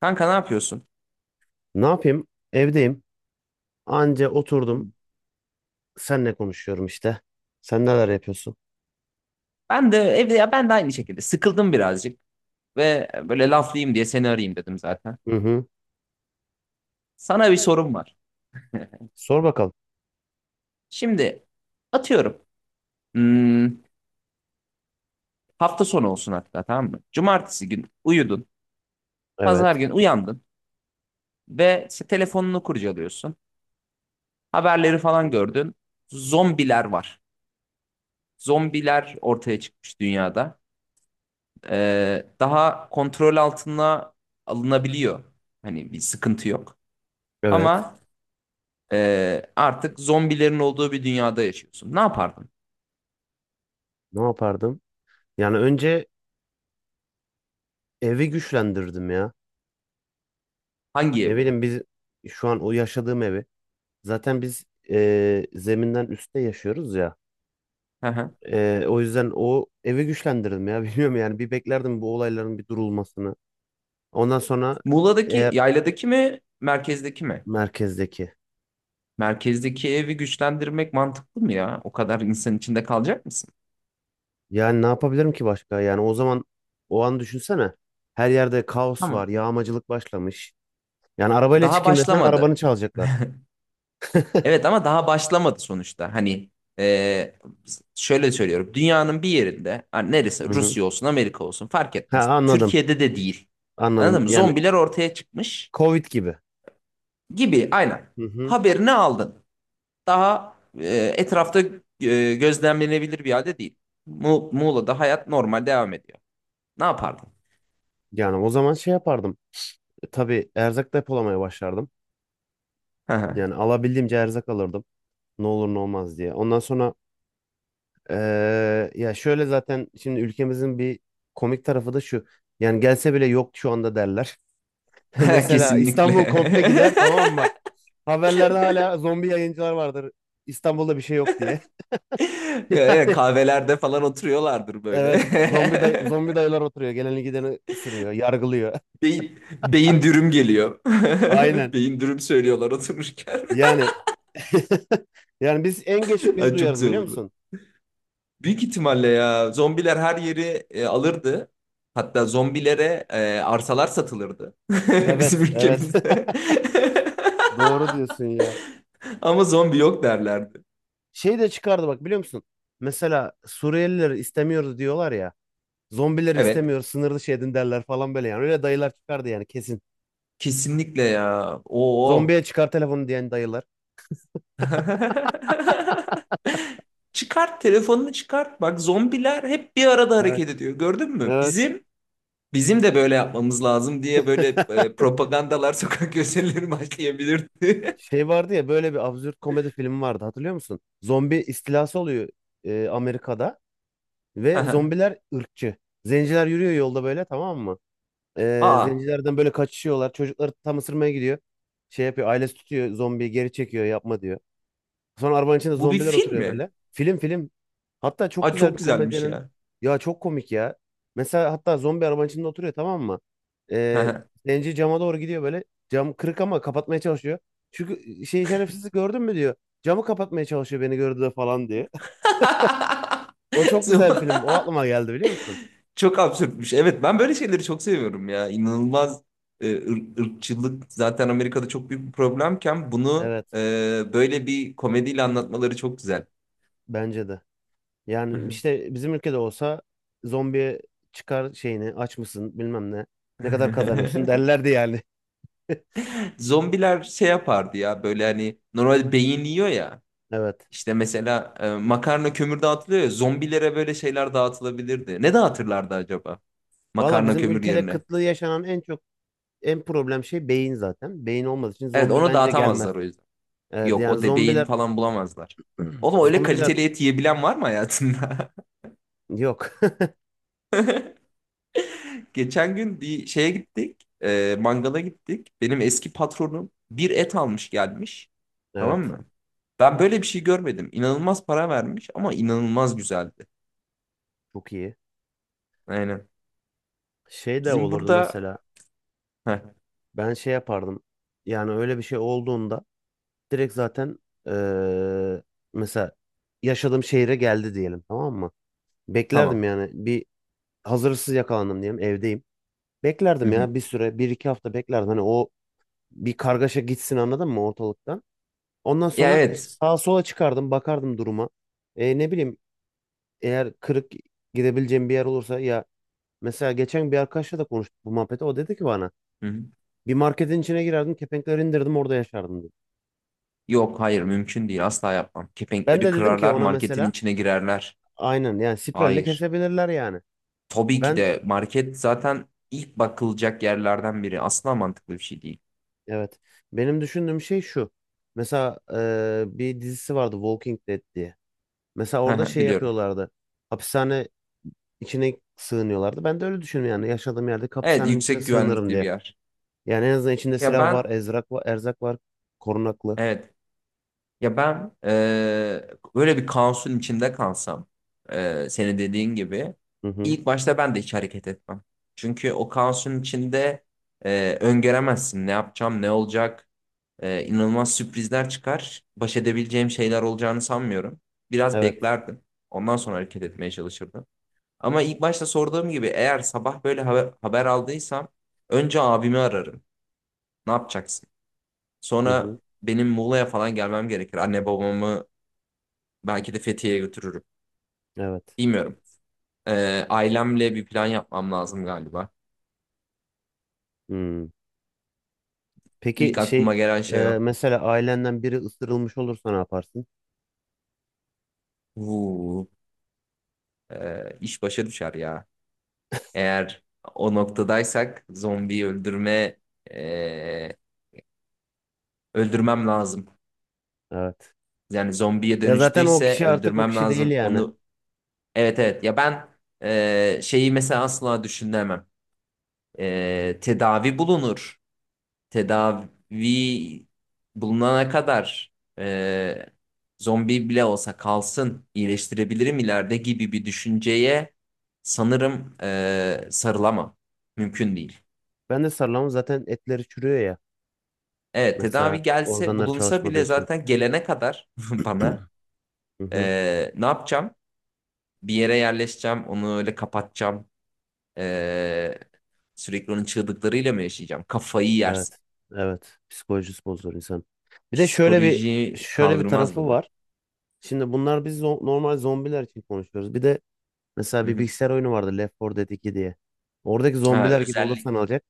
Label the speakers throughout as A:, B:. A: Kanka ne yapıyorsun?
B: Ne yapayım? Evdeyim. Anca oturdum. Senle konuşuyorum işte. Sen neler yapıyorsun?
A: Ben de evde ya, ben de aynı şekilde sıkıldım birazcık ve böyle laflayayım diye seni arayayım dedim zaten.
B: Hı hı.
A: Sana bir sorum var.
B: Sor bakalım.
A: Şimdi atıyorum. hmm, Hafta sonu olsun hatta, tamam mı? Cumartesi gün uyudun. Pazar
B: Evet.
A: gün uyandın ve telefonunu kurcalıyorsun. Haberleri falan gördün. Zombiler var. Zombiler ortaya çıkmış dünyada. Daha kontrol altına alınabiliyor. Hani bir sıkıntı yok.
B: Evet.
A: Ama artık zombilerin olduğu bir dünyada yaşıyorsun. Ne yapardın?
B: Ne yapardım? Yani önce evi güçlendirdim ya.
A: Hangi
B: Ne
A: evi?
B: bileyim biz şu an o yaşadığım evi. Zaten biz zeminden üstte yaşıyoruz ya.
A: Hı hı.
B: O yüzden o evi güçlendirdim ya. Bilmiyorum yani bir beklerdim bu olayların bir durulmasını. Ondan sonra
A: Muğla'daki,
B: eğer
A: yayladaki mi, merkezdeki mi?
B: merkezdeki.
A: Merkezdeki evi güçlendirmek mantıklı mı ya? O kadar insan içinde kalacak mısın?
B: Yani ne yapabilirim ki başka? Yani o zaman o an düşünsene. Her yerde kaos var,
A: Tamam.
B: yağmacılık başlamış. Yani arabayla
A: Daha
B: çıkayım desen arabanı
A: başlamadı.
B: çalacaklar.
A: Evet, ama daha başlamadı sonuçta. Hani ee, şöyle söylüyorum. Dünyanın bir yerinde, hani
B: Hı
A: neresi?
B: hı.
A: Rusya olsun, Amerika olsun, fark
B: Ha
A: etmez.
B: anladım.
A: Türkiye'de de değil. Anladın
B: Anladım.
A: mı?
B: Yani
A: Zombiler ortaya çıkmış
B: Covid gibi.
A: gibi. Aynen.
B: Hı hı.
A: Haberini aldın. Daha etrafta gözlemlenebilir bir halde değil. Muğla'da hayat normal devam ediyor. Ne yapardın?
B: Yani o zaman şey yapardım. Tabii erzak depolamaya başlardım.
A: Hı hı.
B: Yani alabildiğimce erzak alırdım. Ne olur ne olmaz diye. Ondan sonra ya şöyle zaten şimdi ülkemizin bir komik tarafı da şu. Yani gelse bile yok şu anda derler. Mesela
A: Kesinlikle.
B: İstanbul komple gider, tamam mı? Haberlerde hala zombi yayıncılar vardır. İstanbul'da bir şey yok diye.
A: Evet,
B: Yani
A: kahvelerde falan oturuyorlardır böyle.
B: evet. Zombi dayılar oturuyor. Geleni gideni ısırıyor, yargılıyor.
A: Beyin, beyin dürüm geliyor.
B: Aynen.
A: Beyin dürüm söylüyorlar otururken.
B: Yani yani biz en geç biz
A: Ay, çok
B: duyarız
A: güzel
B: biliyor
A: olurdu.
B: musun?
A: Büyük ihtimalle ya zombiler her yeri alırdı. Hatta zombilere arsalar satılırdı. Bizim
B: Evet, evet.
A: ülkemizde.
B: Doğru diyorsun ya.
A: Ama zombi yok derlerdi.
B: Şey de çıkardı, bak biliyor musun? Mesela Suriyelileri istemiyoruz diyorlar ya. Zombileri
A: Evet.
B: istemiyoruz, sınır dışı edin derler falan böyle yani. Öyle dayılar çıkardı yani kesin.
A: Kesinlikle ya. Oo.
B: Zombiye çıkar telefonu diyen dayılar.
A: Çıkart telefonunu, çıkart. Bak, zombiler hep bir arada
B: Evet,
A: hareket ediyor. Gördün mü?
B: evet.
A: Bizim de böyle yapmamız lazım diye böyle propagandalar, sokak gösterileri başlayabilirdi.
B: Şey vardı ya, böyle bir absürt komedi filmi vardı, hatırlıyor musun? Zombi istilası oluyor Amerika'da ve
A: Aha.
B: zombiler ırkçı. Zenciler yürüyor yolda böyle, tamam mı?
A: Aa,
B: Zencilerden böyle kaçışıyorlar. Çocukları tam ısırmaya gidiyor. Şey yapıyor, ailesi tutuyor zombiyi geri çekiyor, yapma diyor. Sonra arabanın içinde
A: bu bir
B: zombiler
A: film
B: oturuyor
A: mi?
B: böyle. Film. Hatta çok
A: Aa,
B: güzel bir
A: çok güzelmiş
B: komedyenin.
A: ya.
B: Ya çok komik ya. Mesela hatta zombi arabanın içinde oturuyor, tamam mı? Ee,
A: Aha.
B: Zenci cama doğru gidiyor böyle. Cam kırık ama kapatmaya çalışıyor. Çünkü şey, şerefsizi gördün mü diyor. Camı kapatmaya çalışıyor, beni gördü de falan diyor. O çok güzel bir film. O aklıma geldi, biliyor musun?
A: Çok absürtmüş. Evet, ben böyle şeyleri çok seviyorum ya. İnanılmaz ırkçılık zaten Amerika'da çok büyük bir problemken bunu
B: Evet,
A: böyle bir komediyle anlatmaları çok güzel.
B: bence de. Yani işte bizim ülkede olsa, zombiye çıkar şeyini aç mısın bilmem ne. Ne kadar kazanıyorsun derlerdi yani.
A: Zombiler şey yapardı ya, böyle hani normal beyin yiyor ya.
B: Evet.
A: İşte mesela makarna kömür dağıtılıyor ya, zombilere böyle şeyler dağıtılabilirdi. Ne dağıtırlardı acaba
B: Valla
A: makarna
B: bizim
A: kömür
B: ülkede
A: yerine?
B: kıtlığı yaşanan en problem şey beyin zaten. Beyin olmadığı için
A: Evet,
B: zombi
A: onu
B: bence gelmez.
A: dağıtamazlar o yüzden.
B: Evet,
A: Yok,
B: yani
A: o de beyin
B: zombiler
A: falan bulamazlar. Oğlum, öyle
B: zombiler
A: kaliteli et yiyebilen var mı hayatında?
B: yok.
A: Geçen gün bir şeye gittik. E, mangala gittik. Benim eski patronum bir et almış, gelmiş. Tamam
B: Evet,
A: mı? Ben böyle bir şey görmedim. İnanılmaz para vermiş ama inanılmaz güzeldi.
B: çok iyi.
A: Aynen.
B: Şey de
A: Bizim
B: olurdu
A: burada...
B: mesela,
A: Heh,
B: ben şey yapardım. Yani öyle bir şey olduğunda direkt zaten eee, mesela yaşadığım şehre geldi diyelim, tamam mı? Beklerdim
A: tamam.
B: yani bir, hazırsız yakalandım diyelim, evdeyim.
A: Hı
B: Beklerdim
A: hı.
B: ya bir süre, bir iki hafta beklerdim. Hani o bir kargaşa gitsin, anladın mı, ortalıkta? Ondan
A: Ya
B: sonra
A: evet.
B: sağa sola çıkardım, bakardım duruma. Ne bileyim eğer kırık gidebileceğim bir yer olursa ya, mesela geçen bir arkadaşla da konuştuk bu muhabbeti. O dedi ki bana,
A: Hı hı.
B: bir marketin içine girerdim, kepenkleri indirdim, orada yaşardım dedi.
A: Yok, hayır, mümkün değil. Asla yapmam.
B: Ben
A: Kepenkleri
B: de dedim ki
A: kırarlar.
B: ona
A: Marketin
B: mesela,
A: içine girerler.
B: aynen yani spiralle
A: Hayır.
B: kesebilirler yani.
A: Tabii ki
B: Ben
A: de market zaten ilk bakılacak yerlerden biri. Asla mantıklı bir şey değil.
B: evet, benim düşündüğüm şey şu. Mesela bir dizisi vardı, Walking Dead diye. Mesela
A: Hı
B: orada
A: hı,
B: şey
A: biliyorum.
B: yapıyorlardı. Hapishane içine sığınıyorlardı. Ben de öyle düşünüyorum yani, yaşadığım yerde
A: Evet,
B: hapishanenin içine
A: yüksek
B: sığınırım
A: güvenlikli bir
B: diye.
A: yer.
B: Yani en azından içinde
A: Ya
B: silah var,
A: ben
B: ezrak var, erzak var, korunaklı.
A: Evet. Ya ben böyle bir kaosun içinde kalsam, senin dediğin gibi
B: Hı hı.
A: ilk başta ben de hiç hareket etmem. Çünkü o kaosun içinde öngöremezsin ne yapacağım, ne olacak. İnanılmaz sürprizler çıkar. Baş edebileceğim şeyler olacağını sanmıyorum. Biraz
B: Evet.
A: beklerdim. Ondan sonra hareket etmeye çalışırdım. Ama ilk başta sorduğum gibi, eğer sabah böyle haber aldıysam önce abimi ararım. Ne yapacaksın?
B: Hı hı.
A: Sonra benim Muğla'ya falan gelmem gerekir. Anne babamı belki de Fethiye'ye götürürüm.
B: Evet.
A: Bilmiyorum. Ailemle bir plan yapmam lazım galiba.
B: Hmm. Peki
A: İlk
B: şey,
A: aklıma gelen şey o.
B: mesela ailenden biri ısırılmış olursa ne yaparsın?
A: Vuu, iş başa düşer ya. Eğer o noktadaysak zombiyi ee, öldürmem lazım.
B: Evet.
A: Yani zombiye
B: Ya zaten o
A: dönüştüyse
B: kişi artık o
A: öldürmem
B: kişi değil
A: lazım.
B: yani.
A: Onu evet evet ya ben Şeyi mesela asla düşünemem. Tedavi bulunur. Tedavi bulunana kadar, e, zombi bile olsa kalsın, iyileştirebilirim ileride gibi bir düşünceye sanırım sarılamam. Mümkün değil.
B: Ben de sarılamam, zaten etleri çürüyor ya.
A: Evet,
B: Mesela
A: tedavi gelse,
B: organları
A: bulunsa
B: çalışmadığı
A: bile
B: için.
A: zaten gelene kadar bana
B: Hı hı.
A: ne yapacağım? Bir yere yerleşeceğim, onu öyle kapatacağım. E, Sürekli onun çığlıklarıyla mı yaşayacağım? Kafayı yersin.
B: Evet. Evet. Psikolojisi bozulur insan. Bir de
A: Psikoloji
B: şöyle bir
A: kaldırmaz
B: tarafı
A: bunu.
B: var. Şimdi bunlar, biz normal zombiler için konuşuyoruz. Bir de mesela
A: Hı
B: bir
A: hı.
B: bilgisayar oyunu vardı, Left 4 Dead 2 diye. Oradaki
A: Ha,
B: zombiler gibi
A: özellik.
B: olursan alacak.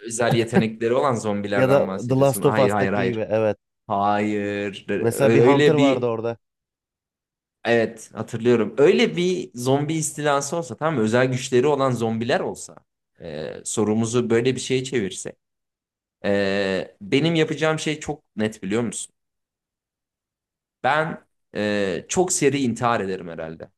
A: Özel yetenekleri olan
B: Ya da
A: zombilerden
B: The
A: bahsediyorsun.
B: Last of
A: Hayır, hayır,
B: Us'taki gibi,
A: hayır.
B: evet.
A: Hayır.
B: Mesela bir Hunter
A: Öyle
B: vardı
A: bir
B: orada.
A: evet, hatırlıyorum. Öyle bir zombi istilası olsa, tamam mı? Özel güçleri olan zombiler olsa, sorumuzu böyle bir şeye çevirse. Benim yapacağım şey çok net, biliyor musun? Ben çok seri intihar ederim herhalde.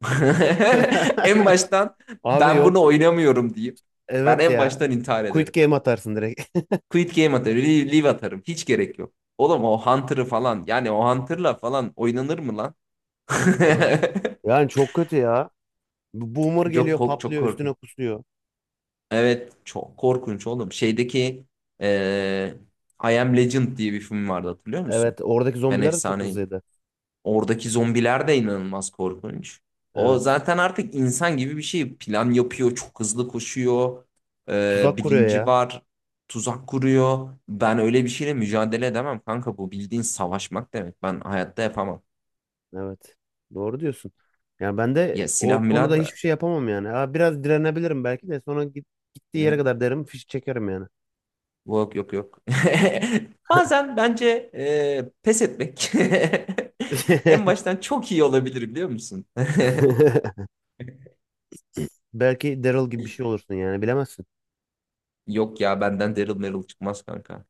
A: En baştan
B: Abi
A: ben bunu
B: yok,
A: oynamıyorum deyip ben
B: evet
A: en
B: ya.
A: baştan intihar
B: Quit
A: ederim.
B: game atarsın direkt.
A: Quit game atarım. Leave, leave atarım. Hiç gerek yok. Oğlum, o Hunter'ı falan, yani o Hunter'la falan oynanır mı lan?
B: Evet. Yani çok kötü ya. Bu Boomer geliyor,
A: Çok
B: patlıyor, üstüne
A: korkunç.
B: kusuyor.
A: Evet, çok korkunç oğlum. Şeydeki eee I Am Legend diye bir film vardı, hatırlıyor musun?
B: Evet, oradaki
A: Ben
B: zombiler de çok
A: efsaneyim.
B: hızlıydı.
A: Oradaki zombiler de inanılmaz korkunç. O
B: Evet.
A: zaten artık insan gibi bir şey. Plan yapıyor, çok hızlı koşuyor,
B: Tuzak kuruyor
A: bilinci
B: ya.
A: var, tuzak kuruyor. Ben öyle bir şeyle mücadele edemem kanka. Bu bildiğin savaşmak demek. Ben hayatta yapamam.
B: Evet. Doğru diyorsun. Yani ben de
A: Ya silah
B: o konuda
A: milah
B: hiçbir
A: da.
B: şey yapamam yani. Ha, biraz direnebilirim, belki de sonra git, gittiği yere
A: Hı.
B: kadar derim, fişi çekerim yani.
A: Yok, yok, yok. Bazen bence pes etmek en baştan çok iyi olabilir, biliyor musun?
B: Belki Daryl gibi bir şey olursun yani, bilemezsin.
A: Yok ya, benden Daryl Merrill çıkmaz kanka.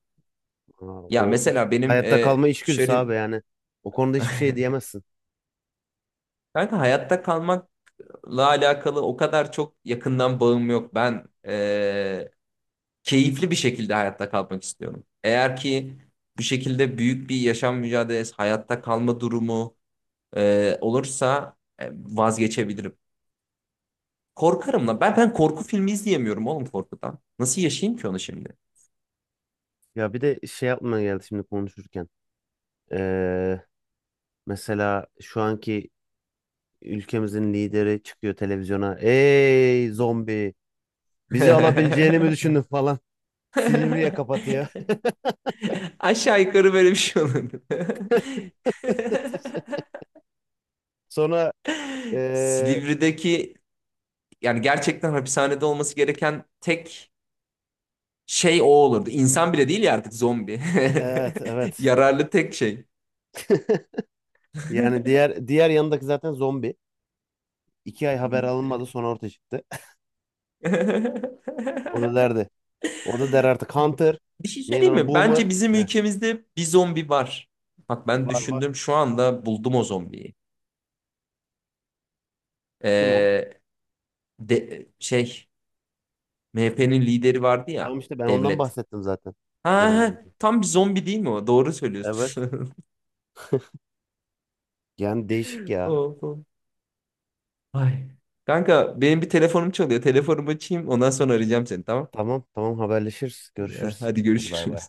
B: Aa,
A: Ya
B: o
A: mesela benim
B: hayatta kalma içgüdüsü
A: şöyle
B: abi yani. O konuda hiçbir şey diyemezsin.
A: kanka hayatta kalmakla alakalı o kadar çok yakından bağım yok. Ben keyifli bir şekilde hayatta kalmak istiyorum. Eğer ki bu şekilde büyük bir yaşam mücadelesi, hayatta kalma durumu olursa vazgeçebilirim. Korkarım lan. Ben korku filmi izleyemiyorum oğlum, korkudan. Nasıl yaşayayım ki onu şimdi?
B: Ya bir de şey yapmaya geldi şimdi konuşurken. Ee, Mesela şu anki ülkemizin lideri çıkıyor televizyona. Ey zombi, bizi alabileceğini mi düşündün falan. Silivri'ye kapatıyor.
A: Aşağı yukarı böyle bir şey olurdu.
B: Sonra ee,
A: Silivri'deki, yani gerçekten hapishanede olması gereken tek şey o olurdu. İnsan bile değil ya artık, zombi.
B: evet, evet.
A: Yararlı tek şey.
B: Yani diğer yanındaki zaten zombi. İki ay haber alınmadı, sonra ortaya çıktı. O da derdi. O da der artık Hunter.
A: Bir şey
B: Neydi
A: söyleyeyim
B: ona?
A: mi?
B: Boomer.
A: Bence bizim
B: Heh,
A: ülkemizde bir zombi var. Bak, ben
B: var var.
A: düşündüm şu anda, buldum o zombiyi.
B: Kim o?
A: Ee, de, şey MHP'nin lideri vardı ya,
B: Tamam işte, ben ondan
A: devlet.
B: bahsettim zaten.
A: Ha,
B: Biraz
A: ha,
B: önce.
A: tam bir zombi değil mi o? Doğru
B: Evet.
A: söylüyorsun.
B: Yani değişik ya.
A: Oh, oh. Ay. Kanka, benim bir telefonum çalıyor. Telefonumu açayım, ondan sonra arayacağım seni, tamam.
B: Tamam tamam, haberleşiriz.
A: Eh,
B: Görüşürüz.
A: hadi
B: Hadi bay bay.
A: görüşürüz.